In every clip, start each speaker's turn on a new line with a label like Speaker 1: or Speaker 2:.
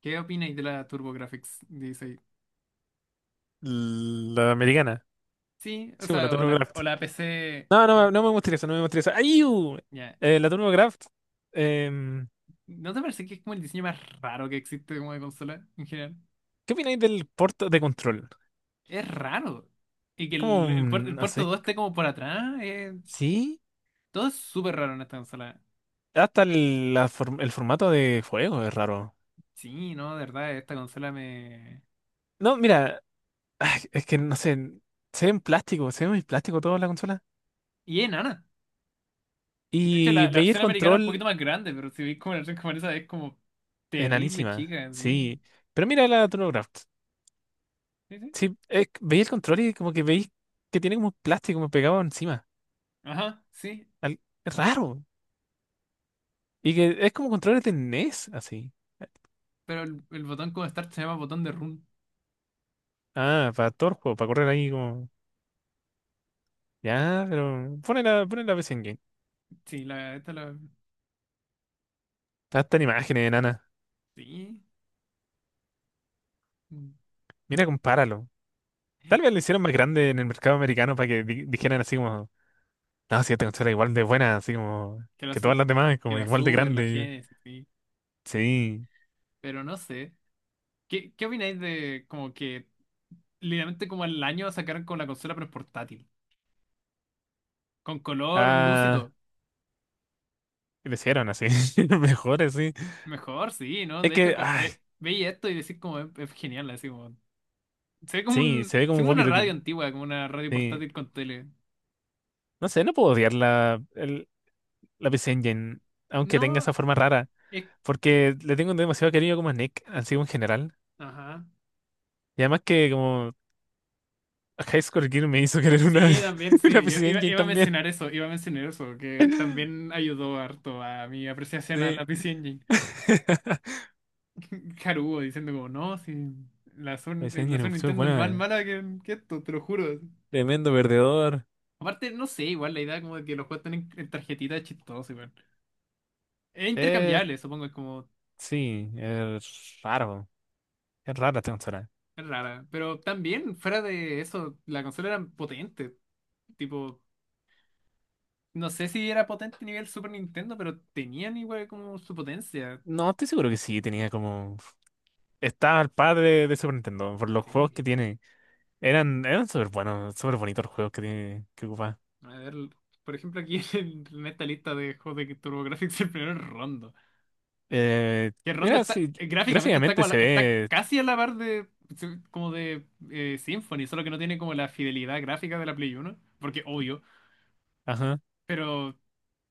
Speaker 1: ¿Qué opináis de la TurboGrafx 16?
Speaker 2: La americana.
Speaker 1: Sí, o
Speaker 2: Sí, pues la
Speaker 1: sea, o la,
Speaker 2: TurboCraft.
Speaker 1: o la PC.
Speaker 2: No, no, no me gustaría eso, no me gustaría eso. ¡Ayú!
Speaker 1: Ya.
Speaker 2: La TurboCraft. em,
Speaker 1: ¿No te parece que es como el diseño más raro que existe como de consola en general?
Speaker 2: ¿Qué opináis del puerto de control?
Speaker 1: Es raro. Y que
Speaker 2: Es como,
Speaker 1: el, el, puer- el
Speaker 2: no
Speaker 1: puerto
Speaker 2: sé,
Speaker 1: 2 esté como por atrás.
Speaker 2: sí.
Speaker 1: Todo es súper raro en esta consola.
Speaker 2: Hasta el formato de juego es raro.
Speaker 1: Sí, no, de verdad, esta consola me...
Speaker 2: No, mira, ay, es que no sé, se ve en plástico, se ve muy plástico toda la consola.
Speaker 1: Y es enana. De hecho,
Speaker 2: Y
Speaker 1: la
Speaker 2: veía el
Speaker 1: versión americana es un poquito
Speaker 2: control
Speaker 1: más grande, pero si veis como la versión japonesa es como terrible,
Speaker 2: enanísima,
Speaker 1: chica. Sí,
Speaker 2: sí. Pero mira la TurboCraft.
Speaker 1: sí, sí.
Speaker 2: Sí, veía el control y como que veis que tiene como plástico como pegado encima.
Speaker 1: Ajá, sí.
Speaker 2: Es raro. Y que es como controles de NES, así.
Speaker 1: Pero el botón como Start se llama botón de run.
Speaker 2: Ah, para todo el juego, para correr ahí como. Ya, pero pone pone la PC en game.
Speaker 1: Sí,
Speaker 2: Hasta en imágenes, enana.
Speaker 1: sí. Mm.
Speaker 2: Mira, compáralo. Tal vez lo hicieron más grande en el mercado americano para que dijeran así como. No, si esta consola es igual de buena, así como.
Speaker 1: Que la,
Speaker 2: Que
Speaker 1: su-
Speaker 2: todas las demás,
Speaker 1: que
Speaker 2: como
Speaker 1: la
Speaker 2: igual de
Speaker 1: Super, la
Speaker 2: grande.
Speaker 1: Genesis, sí.
Speaker 2: Sí.
Speaker 1: Pero no sé. ¿Qué, qué opináis de como que literalmente como el año sacaron con la consola pero portátil? Con color, luz y
Speaker 2: Ah,
Speaker 1: todo.
Speaker 2: y lo hicieron así. Mejor así.
Speaker 1: Mejor, sí, ¿no?
Speaker 2: Es
Speaker 1: De hecho,
Speaker 2: que,
Speaker 1: como,
Speaker 2: ah,
Speaker 1: veis esto y decís como es genial, así como. Se ve como
Speaker 2: sí,
Speaker 1: un,
Speaker 2: se ve como
Speaker 1: se
Speaker 2: un
Speaker 1: ve como una radio
Speaker 2: walkie-talkie.
Speaker 1: antigua, como una radio
Speaker 2: Sí.
Speaker 1: portátil con tele.
Speaker 2: No sé, no puedo odiar la PC Engine, aunque tenga
Speaker 1: No,
Speaker 2: esa forma rara.
Speaker 1: es...
Speaker 2: Porque le tengo demasiado cariño como a Nick, así como en general.
Speaker 1: Ajá.
Speaker 2: Y además que como a High Score Gear me hizo querer una,
Speaker 1: Sí, también,
Speaker 2: una
Speaker 1: sí, yo
Speaker 2: PC
Speaker 1: iba,
Speaker 2: Engine
Speaker 1: iba a
Speaker 2: también.
Speaker 1: mencionar eso, iba a mencionar eso, que también ayudó harto a mi apreciación a
Speaker 2: Sí.
Speaker 1: la PC Engine. Haruo diciendo como, no, si la Sun,
Speaker 2: PC
Speaker 1: la
Speaker 2: Engine
Speaker 1: Sun
Speaker 2: Opción,
Speaker 1: Nintendo es más
Speaker 2: bueno,
Speaker 1: mala que esto, te lo juro.
Speaker 2: tremendo perdedor.
Speaker 1: Aparte, no sé, igual la idea como de que los juegos están en tarjetitas es chistoso, igual. Es
Speaker 2: Eh,
Speaker 1: intercambiable, supongo, es como,
Speaker 2: sí, es raro. Es rara esta consola.
Speaker 1: es rara. Pero también, fuera de eso, la consola era potente, tipo, no sé si era potente a nivel Super Nintendo, pero tenían igual como su potencia.
Speaker 2: No, estoy seguro que sí, tenía como... Estaba al par de Super Nintendo, por los juegos
Speaker 1: Sí.
Speaker 2: que tiene. Eran, eran súper buenos, súper bonitos los juegos que tiene, que ocupa.
Speaker 1: A ver, por ejemplo, aquí en esta lista de juegos de TurboGrafx, el primero es Rondo.
Speaker 2: Eh,
Speaker 1: Que Rondo
Speaker 2: mira,
Speaker 1: está,
Speaker 2: sí,
Speaker 1: gráficamente
Speaker 2: gráficamente se
Speaker 1: está
Speaker 2: ve...
Speaker 1: casi a la par de como de Symphony, solo que no tiene como la fidelidad gráfica de la Play Uno porque obvio,
Speaker 2: Ajá.
Speaker 1: pero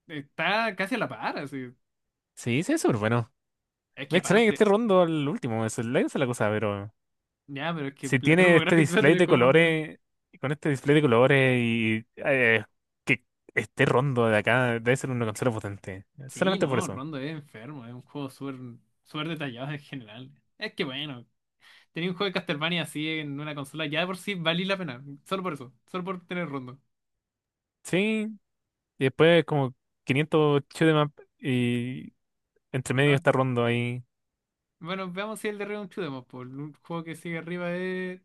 Speaker 1: está casi a la par, así.
Speaker 2: Sí, se ve súper bueno.
Speaker 1: Es que
Speaker 2: Me extraña que esté
Speaker 1: aparte,
Speaker 2: rondo al último, esa es la cosa, pero
Speaker 1: ya, pero es que
Speaker 2: si
Speaker 1: la
Speaker 2: tiene este
Speaker 1: TurboGrafx va a
Speaker 2: display
Speaker 1: tener
Speaker 2: de
Speaker 1: como más bueno.
Speaker 2: colores, con este display de colores y que esté rondo de acá, debe ser una consola potente.
Speaker 1: Sí,
Speaker 2: Solamente por
Speaker 1: no,
Speaker 2: eso.
Speaker 1: Rondo es enfermo, es un juego súper súper detallado en general. Es que bueno. Tenía un juego de Castlevania así en una consola, ya de por sí valía la pena. Solo por eso, solo por tener rondo.
Speaker 2: Sí, y después como 500 shoot 'em up y entre medio
Speaker 1: No.
Speaker 2: está rondo ahí.
Speaker 1: Bueno, veamos si el de Return un Demo, pues, un juego que sigue arriba es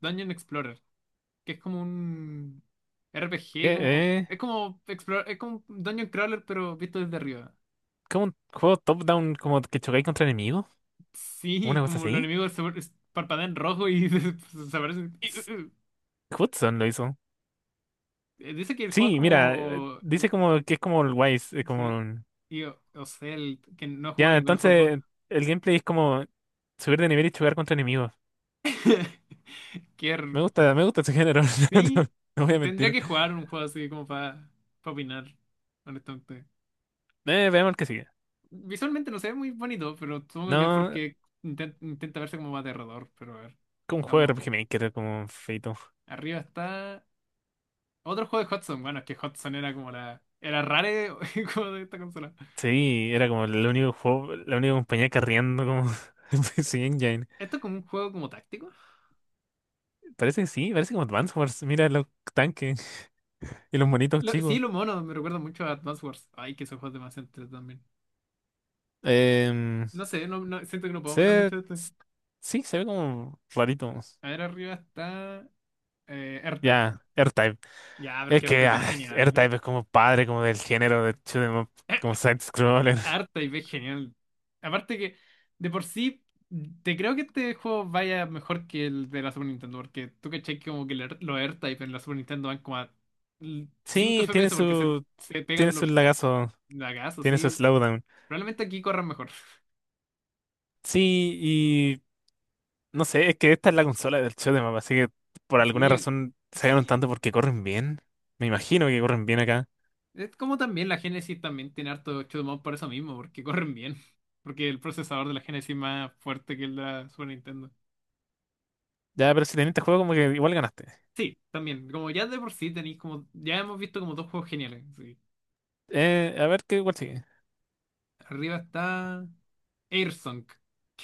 Speaker 1: Dungeon Explorer, que es como un
Speaker 2: ¿Qué?
Speaker 1: RPG, como
Speaker 2: ¿Eh?
Speaker 1: es como es como un Dungeon Crawler pero visto desde arriba.
Speaker 2: ¿Cómo un juego top-down como que chocáis contra enemigos?
Speaker 1: Sí,
Speaker 2: ¿Una cosa
Speaker 1: como los
Speaker 2: así?
Speaker 1: enemigos parpadean rojo y desaparecen.
Speaker 2: S- Hudson lo hizo.
Speaker 1: Dice que el juego es
Speaker 2: Sí, mira,
Speaker 1: como
Speaker 2: dice como que es como el Wise, es
Speaker 1: sí,
Speaker 2: como...
Speaker 1: y o sea, el que no ha jugado
Speaker 2: Ya,
Speaker 1: ninguno de esos dos.
Speaker 2: entonces el gameplay es como subir de nivel y jugar contra enemigos.
Speaker 1: Qué...
Speaker 2: Me gusta ese género. No,
Speaker 1: Sí,
Speaker 2: no voy a
Speaker 1: tendría
Speaker 2: mentir.
Speaker 1: que jugar un juego así como para opinar, honestamente.
Speaker 2: Veamos el que sigue.
Speaker 1: Visualmente no se ve muy bonito, pero supongo que es
Speaker 2: No,
Speaker 1: porque intenta verse como aterrador, pero a ver.
Speaker 2: como un juego de
Speaker 1: Vamos,
Speaker 2: RPG Maker, como feito.
Speaker 1: arriba está otro juego de Hudson. Bueno, es que Hudson era como la... Era rare como de esta consola.
Speaker 2: Sí, era como el único juego, la única compañía carriendo como en PC Engine.
Speaker 1: Esto es como un juego como táctico.
Speaker 2: Parece que sí, parece como Advance Wars. Mira los tanques y los monitos
Speaker 1: Sí,
Speaker 2: chicos.
Speaker 1: lo mono, me recuerda mucho a Advance Wars. Ay, que esos juegos demasiado entretenidos también.
Speaker 2: Em,
Speaker 1: No sé, siento que no puedo hablar
Speaker 2: se,
Speaker 1: mucho de esto.
Speaker 2: s- sí, se ve como rarito.
Speaker 1: A ver, arriba está R-Type.
Speaker 2: Ya, AirType.
Speaker 1: Ya, pero es
Speaker 2: Es
Speaker 1: que
Speaker 2: que
Speaker 1: R-Type es genial.
Speaker 2: R-Type es como padre, como del género de shoot 'em up, como side-scroller.
Speaker 1: harta y ves genial. Aparte que, de por sí, te creo que este juego vaya mejor que el de la Super Nintendo, porque tú caché que como que los AirType en la Super Nintendo van como a 5
Speaker 2: Sí,
Speaker 1: FPS porque se, se
Speaker 2: tiene
Speaker 1: pegan
Speaker 2: su
Speaker 1: los
Speaker 2: lagazo,
Speaker 1: lagazos,
Speaker 2: tiene su
Speaker 1: sí.
Speaker 2: slowdown.
Speaker 1: Probablemente aquí corran mejor.
Speaker 2: Sí, y no sé, es que esta es la consola del shoot 'em up, así que por
Speaker 1: Sí,
Speaker 2: alguna razón se ganaron
Speaker 1: sí.
Speaker 2: tanto porque corren bien. Me imagino que corren bien acá.
Speaker 1: Es como también la Genesis también tiene harto shoot'em up por eso mismo, porque corren bien. Porque el procesador de la Genesis es más fuerte que el de la Super Nintendo.
Speaker 2: Ya, pero si tenés este juego, como que igual ganaste.
Speaker 1: Sí, también. Como ya de por sí tenéis como... Ya hemos visto como dos juegos geniales. Sí.
Speaker 2: A ver qué igual sigue.
Speaker 1: Arriba está Airsong.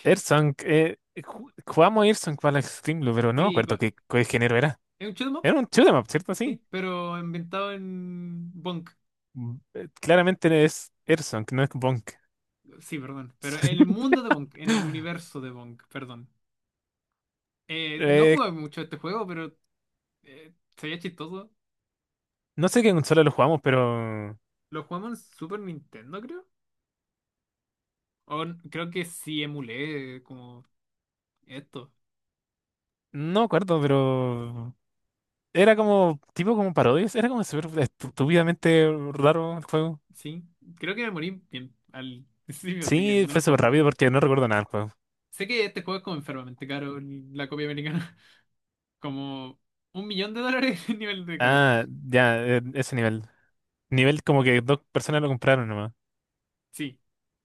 Speaker 2: Earthsong, jugamos Earthsong para la Extreme Blue, pero no me
Speaker 1: Sí,
Speaker 2: acuerdo qué género era.
Speaker 1: es un shoot'em up,
Speaker 2: Era un shoot 'em up, ¿cierto? Sí.
Speaker 1: sí, pero inventado en Bonk.
Speaker 2: Claramente es Erson, que no es Bonk.
Speaker 1: Sí, perdón. Pero en el mundo de Bonk, en el universo de Bonk, perdón. No
Speaker 2: Eh,
Speaker 1: jugué mucho a este juego, pero se veía chistoso.
Speaker 2: no sé qué consola lo jugamos, pero.
Speaker 1: Lo jugamos en Super Nintendo, creo. Creo que sí emulé como esto.
Speaker 2: No me acuerdo, pero. Era como. Tipo como parodias. Era como súper estúpidamente raro el juego.
Speaker 1: Sí, creo que me morí bien al principio, así que
Speaker 2: Sí,
Speaker 1: no lo
Speaker 2: fue
Speaker 1: juego
Speaker 2: súper
Speaker 1: mucho.
Speaker 2: rápido porque no recuerdo nada del juego.
Speaker 1: Sé que este juego es como enfermamente caro, la copia americana. Como un millón de dólares el nivel de caro.
Speaker 2: Ah, ya, ese nivel. Nivel como que dos personas lo compraron nomás.
Speaker 1: Sí,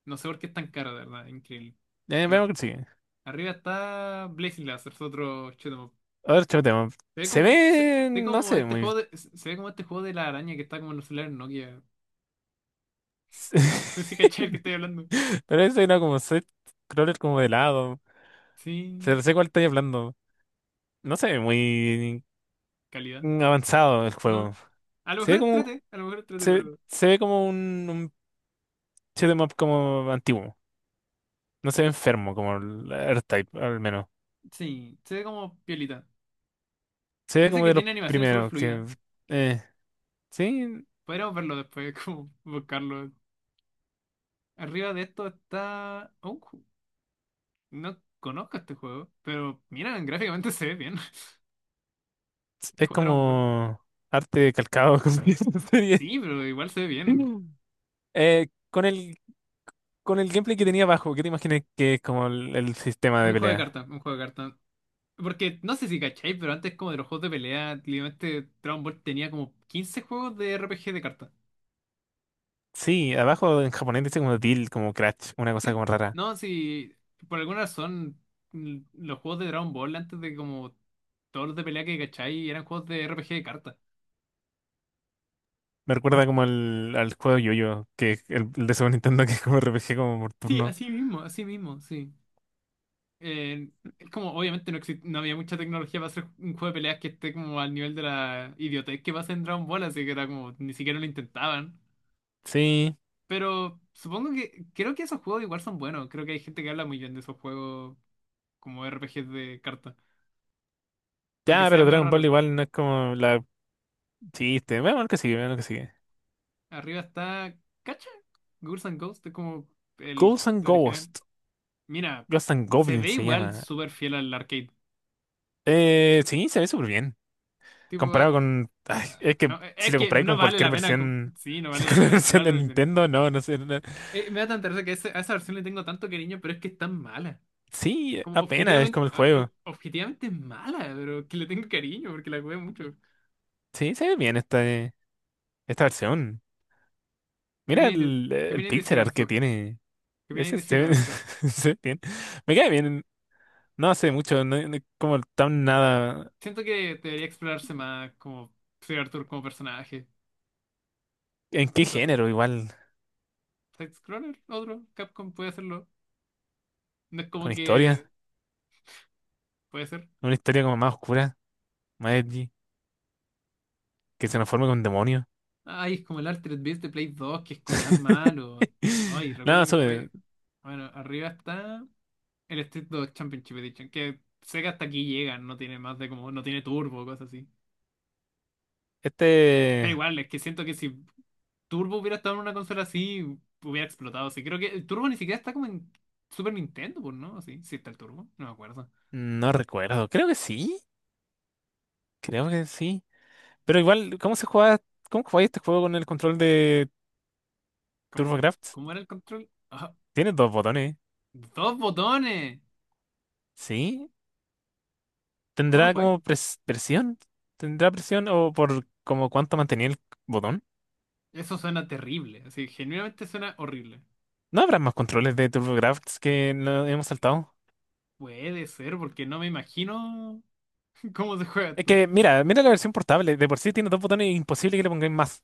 Speaker 1: no sé por qué es tan cara de verdad, increíble. Bueno,
Speaker 2: Veamos que sigue.
Speaker 1: arriba está Blazing Lazarus, otro shoot 'em up.
Speaker 2: Otro tema.
Speaker 1: Se ve
Speaker 2: Se
Speaker 1: como, se
Speaker 2: ve.
Speaker 1: ve
Speaker 2: No
Speaker 1: como
Speaker 2: sé,
Speaker 1: este
Speaker 2: muy.
Speaker 1: juego de, se ve como este juego de la araña que está como en los celulares Nokia. No sé si cachai el que estoy hablando.
Speaker 2: Pero eso era como set crawler como de lado.
Speaker 1: Sí,
Speaker 2: Se sé cuál estoy hablando. No se ve muy
Speaker 1: calidad.
Speaker 2: avanzado el juego.
Speaker 1: No. A lo
Speaker 2: Se ve
Speaker 1: mejor
Speaker 2: como,
Speaker 1: entrete, a lo mejor entrete, pero
Speaker 2: se ve como un shoot'em up como antiguo. No se ve enfermo como el R-Type, al menos.
Speaker 1: sí, se ve como piolita.
Speaker 2: Se ve
Speaker 1: Dice
Speaker 2: como
Speaker 1: que
Speaker 2: de los
Speaker 1: tiene animaciones súper
Speaker 2: primeros
Speaker 1: fluidas.
Speaker 2: que... eh, sí,
Speaker 1: Podríamos verlo después, como buscarlo. Arriba de esto está... oh, no conozco este juego, pero mira, gráficamente se ve bien.
Speaker 2: es
Speaker 1: Cuadrón...
Speaker 2: como arte calcado como dice la serie.
Speaker 1: Sí, pero igual se ve bien.
Speaker 2: Eh, con el, con el gameplay que tenía abajo, ¿qué te imaginas que es como el sistema
Speaker 1: Es
Speaker 2: de
Speaker 1: un juego de
Speaker 2: pelea?
Speaker 1: cartas, un juego de cartas. Porque no sé si cacháis, pero antes como de los juegos de pelea, literalmente Dragon Ball tenía como 15 juegos de RPG de cartas.
Speaker 2: Sí, abajo en japonés dice como deal, como crash, una cosa
Speaker 1: Sí.
Speaker 2: como rara.
Speaker 1: No, si por alguna razón los juegos de Dragon Ball antes de como todos los de pelea que cacháis eran juegos de RPG de cartas.
Speaker 2: Me recuerda como al juego Yo-Yo, que es el de Super Nintendo, que es como RPG como por
Speaker 1: Sí,
Speaker 2: turno.
Speaker 1: así mismo, sí. Eh, es como obviamente no había mucha tecnología para hacer un juego de peleas que esté como al nivel de la idiotez que pasa en Dragon Ball, así que era como ni siquiera lo intentaban.
Speaker 2: Sí,
Speaker 1: Pero supongo que, creo que esos juegos igual son buenos. Creo que hay gente que habla muy bien de esos juegos como RPGs de carta. Aunque
Speaker 2: ya,
Speaker 1: sea
Speaker 2: pero
Speaker 1: medio
Speaker 2: Dragon Ball
Speaker 1: raro.
Speaker 2: igual no es como la chiste. Veamos lo que sigue, veamos lo que sigue.
Speaker 1: Arriba está, ¿cacha? Ghouls and Ghosts es como el
Speaker 2: Ghouls and
Speaker 1: original.
Speaker 2: Ghosts,
Speaker 1: Mira,
Speaker 2: Ghosts and
Speaker 1: se
Speaker 2: Goblins
Speaker 1: ve
Speaker 2: se
Speaker 1: igual
Speaker 2: llama.
Speaker 1: súper fiel al arcade.
Speaker 2: Sí, se ve súper bien.
Speaker 1: Tipo,
Speaker 2: Comparado con... ay, es que
Speaker 1: no,
Speaker 2: si
Speaker 1: es
Speaker 2: lo
Speaker 1: que
Speaker 2: comparáis
Speaker 1: no
Speaker 2: con
Speaker 1: vale
Speaker 2: cualquier
Speaker 1: la pena,
Speaker 2: versión,
Speaker 1: sí, no vale la
Speaker 2: con la
Speaker 1: pena
Speaker 2: versión de
Speaker 1: compararlo al DN.
Speaker 2: Nintendo, no, no sé. No-
Speaker 1: Me da tanta risa que a esa versión le tengo tanto cariño, pero es que es tan mala.
Speaker 2: Sí,
Speaker 1: Como
Speaker 2: apenas es como
Speaker 1: objetivamente,
Speaker 2: el juego.
Speaker 1: objetivamente es mala, pero que le tengo cariño porque la jugué mucho.
Speaker 2: Sí, se ve bien esta, esta versión.
Speaker 1: ¿Qué
Speaker 2: Mira
Speaker 1: viene de, ¿Qué
Speaker 2: el
Speaker 1: viene de
Speaker 2: pixel
Speaker 1: decir
Speaker 2: art que
Speaker 1: Arthur?
Speaker 2: tiene.
Speaker 1: ¿Qué viene a
Speaker 2: Ese se
Speaker 1: decir de Sir
Speaker 2: ve,
Speaker 1: Arthur?
Speaker 2: se ve bien. Me cae bien. No hace mucho, no, como tan nada.
Speaker 1: Siento que debería explorarse más como Sir Arthur como personaje.
Speaker 2: ¿En qué
Speaker 1: Chistoso.
Speaker 2: género? Igual,
Speaker 1: Side-scroller, otro. Capcom puede hacerlo. No es
Speaker 2: con
Speaker 1: como
Speaker 2: historia.
Speaker 1: que puede ser.
Speaker 2: Una historia como más oscura, más edgy, que se nos forme con demonios.
Speaker 1: Ay, es como el Altered Beast de Play 2, que es como tan malo. Ay,
Speaker 2: No,
Speaker 1: recuerdo que
Speaker 2: sobre
Speaker 1: jugué. Bueno, arriba está el Street 2 Championship Edition, que sé que hasta aquí llega, no tiene más de como, no tiene turbo, cosas así. Pero
Speaker 2: este
Speaker 1: igual, es que siento que si Turbo hubiera estado en una consola así, hubiera explotado. Sí, creo que el Turbo ni siquiera está como en Super Nintendo, pues, ¿no? Sí, sí está el Turbo, no me acuerdo.
Speaker 2: no recuerdo. Creo que sí. Creo que sí. Pero igual, ¿cómo se juega? ¿Cómo juega este juego con el control de
Speaker 1: ¿Cómo,
Speaker 2: TurboGrafx?
Speaker 1: cómo era el control? Ah,
Speaker 2: Tiene dos botones.
Speaker 1: dos botones.
Speaker 2: ¿Sí?
Speaker 1: ¿Cómo lo
Speaker 2: ¿Tendrá
Speaker 1: juegas?
Speaker 2: como presión? ¿Tendrá presión o por como cuánto mantenía el botón?
Speaker 1: Eso suena terrible, así, genuinamente suena horrible.
Speaker 2: ¿No habrá más controles de TurboGrafx que no hemos saltado?
Speaker 1: Puede ser, porque no me imagino cómo se juega
Speaker 2: Es
Speaker 1: esto.
Speaker 2: que, mira, mira la versión portable. De por sí tiene dos botones y imposible que le pongáis más.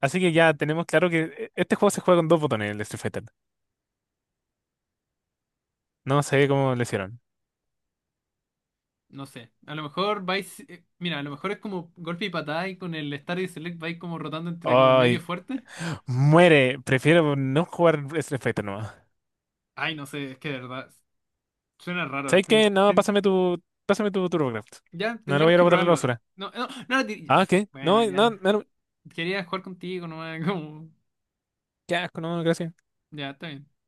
Speaker 2: Así que ya tenemos claro que este juego se juega con dos botones, el de Street Fighter. No sé cómo lo hicieron.
Speaker 1: No sé, a lo mejor vais, mira, a lo mejor es como golpe y patada y con el Start y Select vais como rotando entre como medio
Speaker 2: Ay,
Speaker 1: fuerte.
Speaker 2: muere. Prefiero no jugar Street Fighter nomás.
Speaker 1: Ay, no sé, es que de verdad, suena raro.
Speaker 2: ¿Sabes qué? No, pásame tu TurboGrafx.
Speaker 1: Ya
Speaker 2: No lo voy a
Speaker 1: tendríamos
Speaker 2: ir a
Speaker 1: que
Speaker 2: botar a la
Speaker 1: probarlo.
Speaker 2: basura.
Speaker 1: No, no, no,
Speaker 2: Ah, ¿qué?
Speaker 1: Bueno,
Speaker 2: No, no,
Speaker 1: ya.
Speaker 2: no.
Speaker 1: Quería jugar contigo, no como...
Speaker 2: Qué asco, no, gracias.
Speaker 1: Ya, está bien.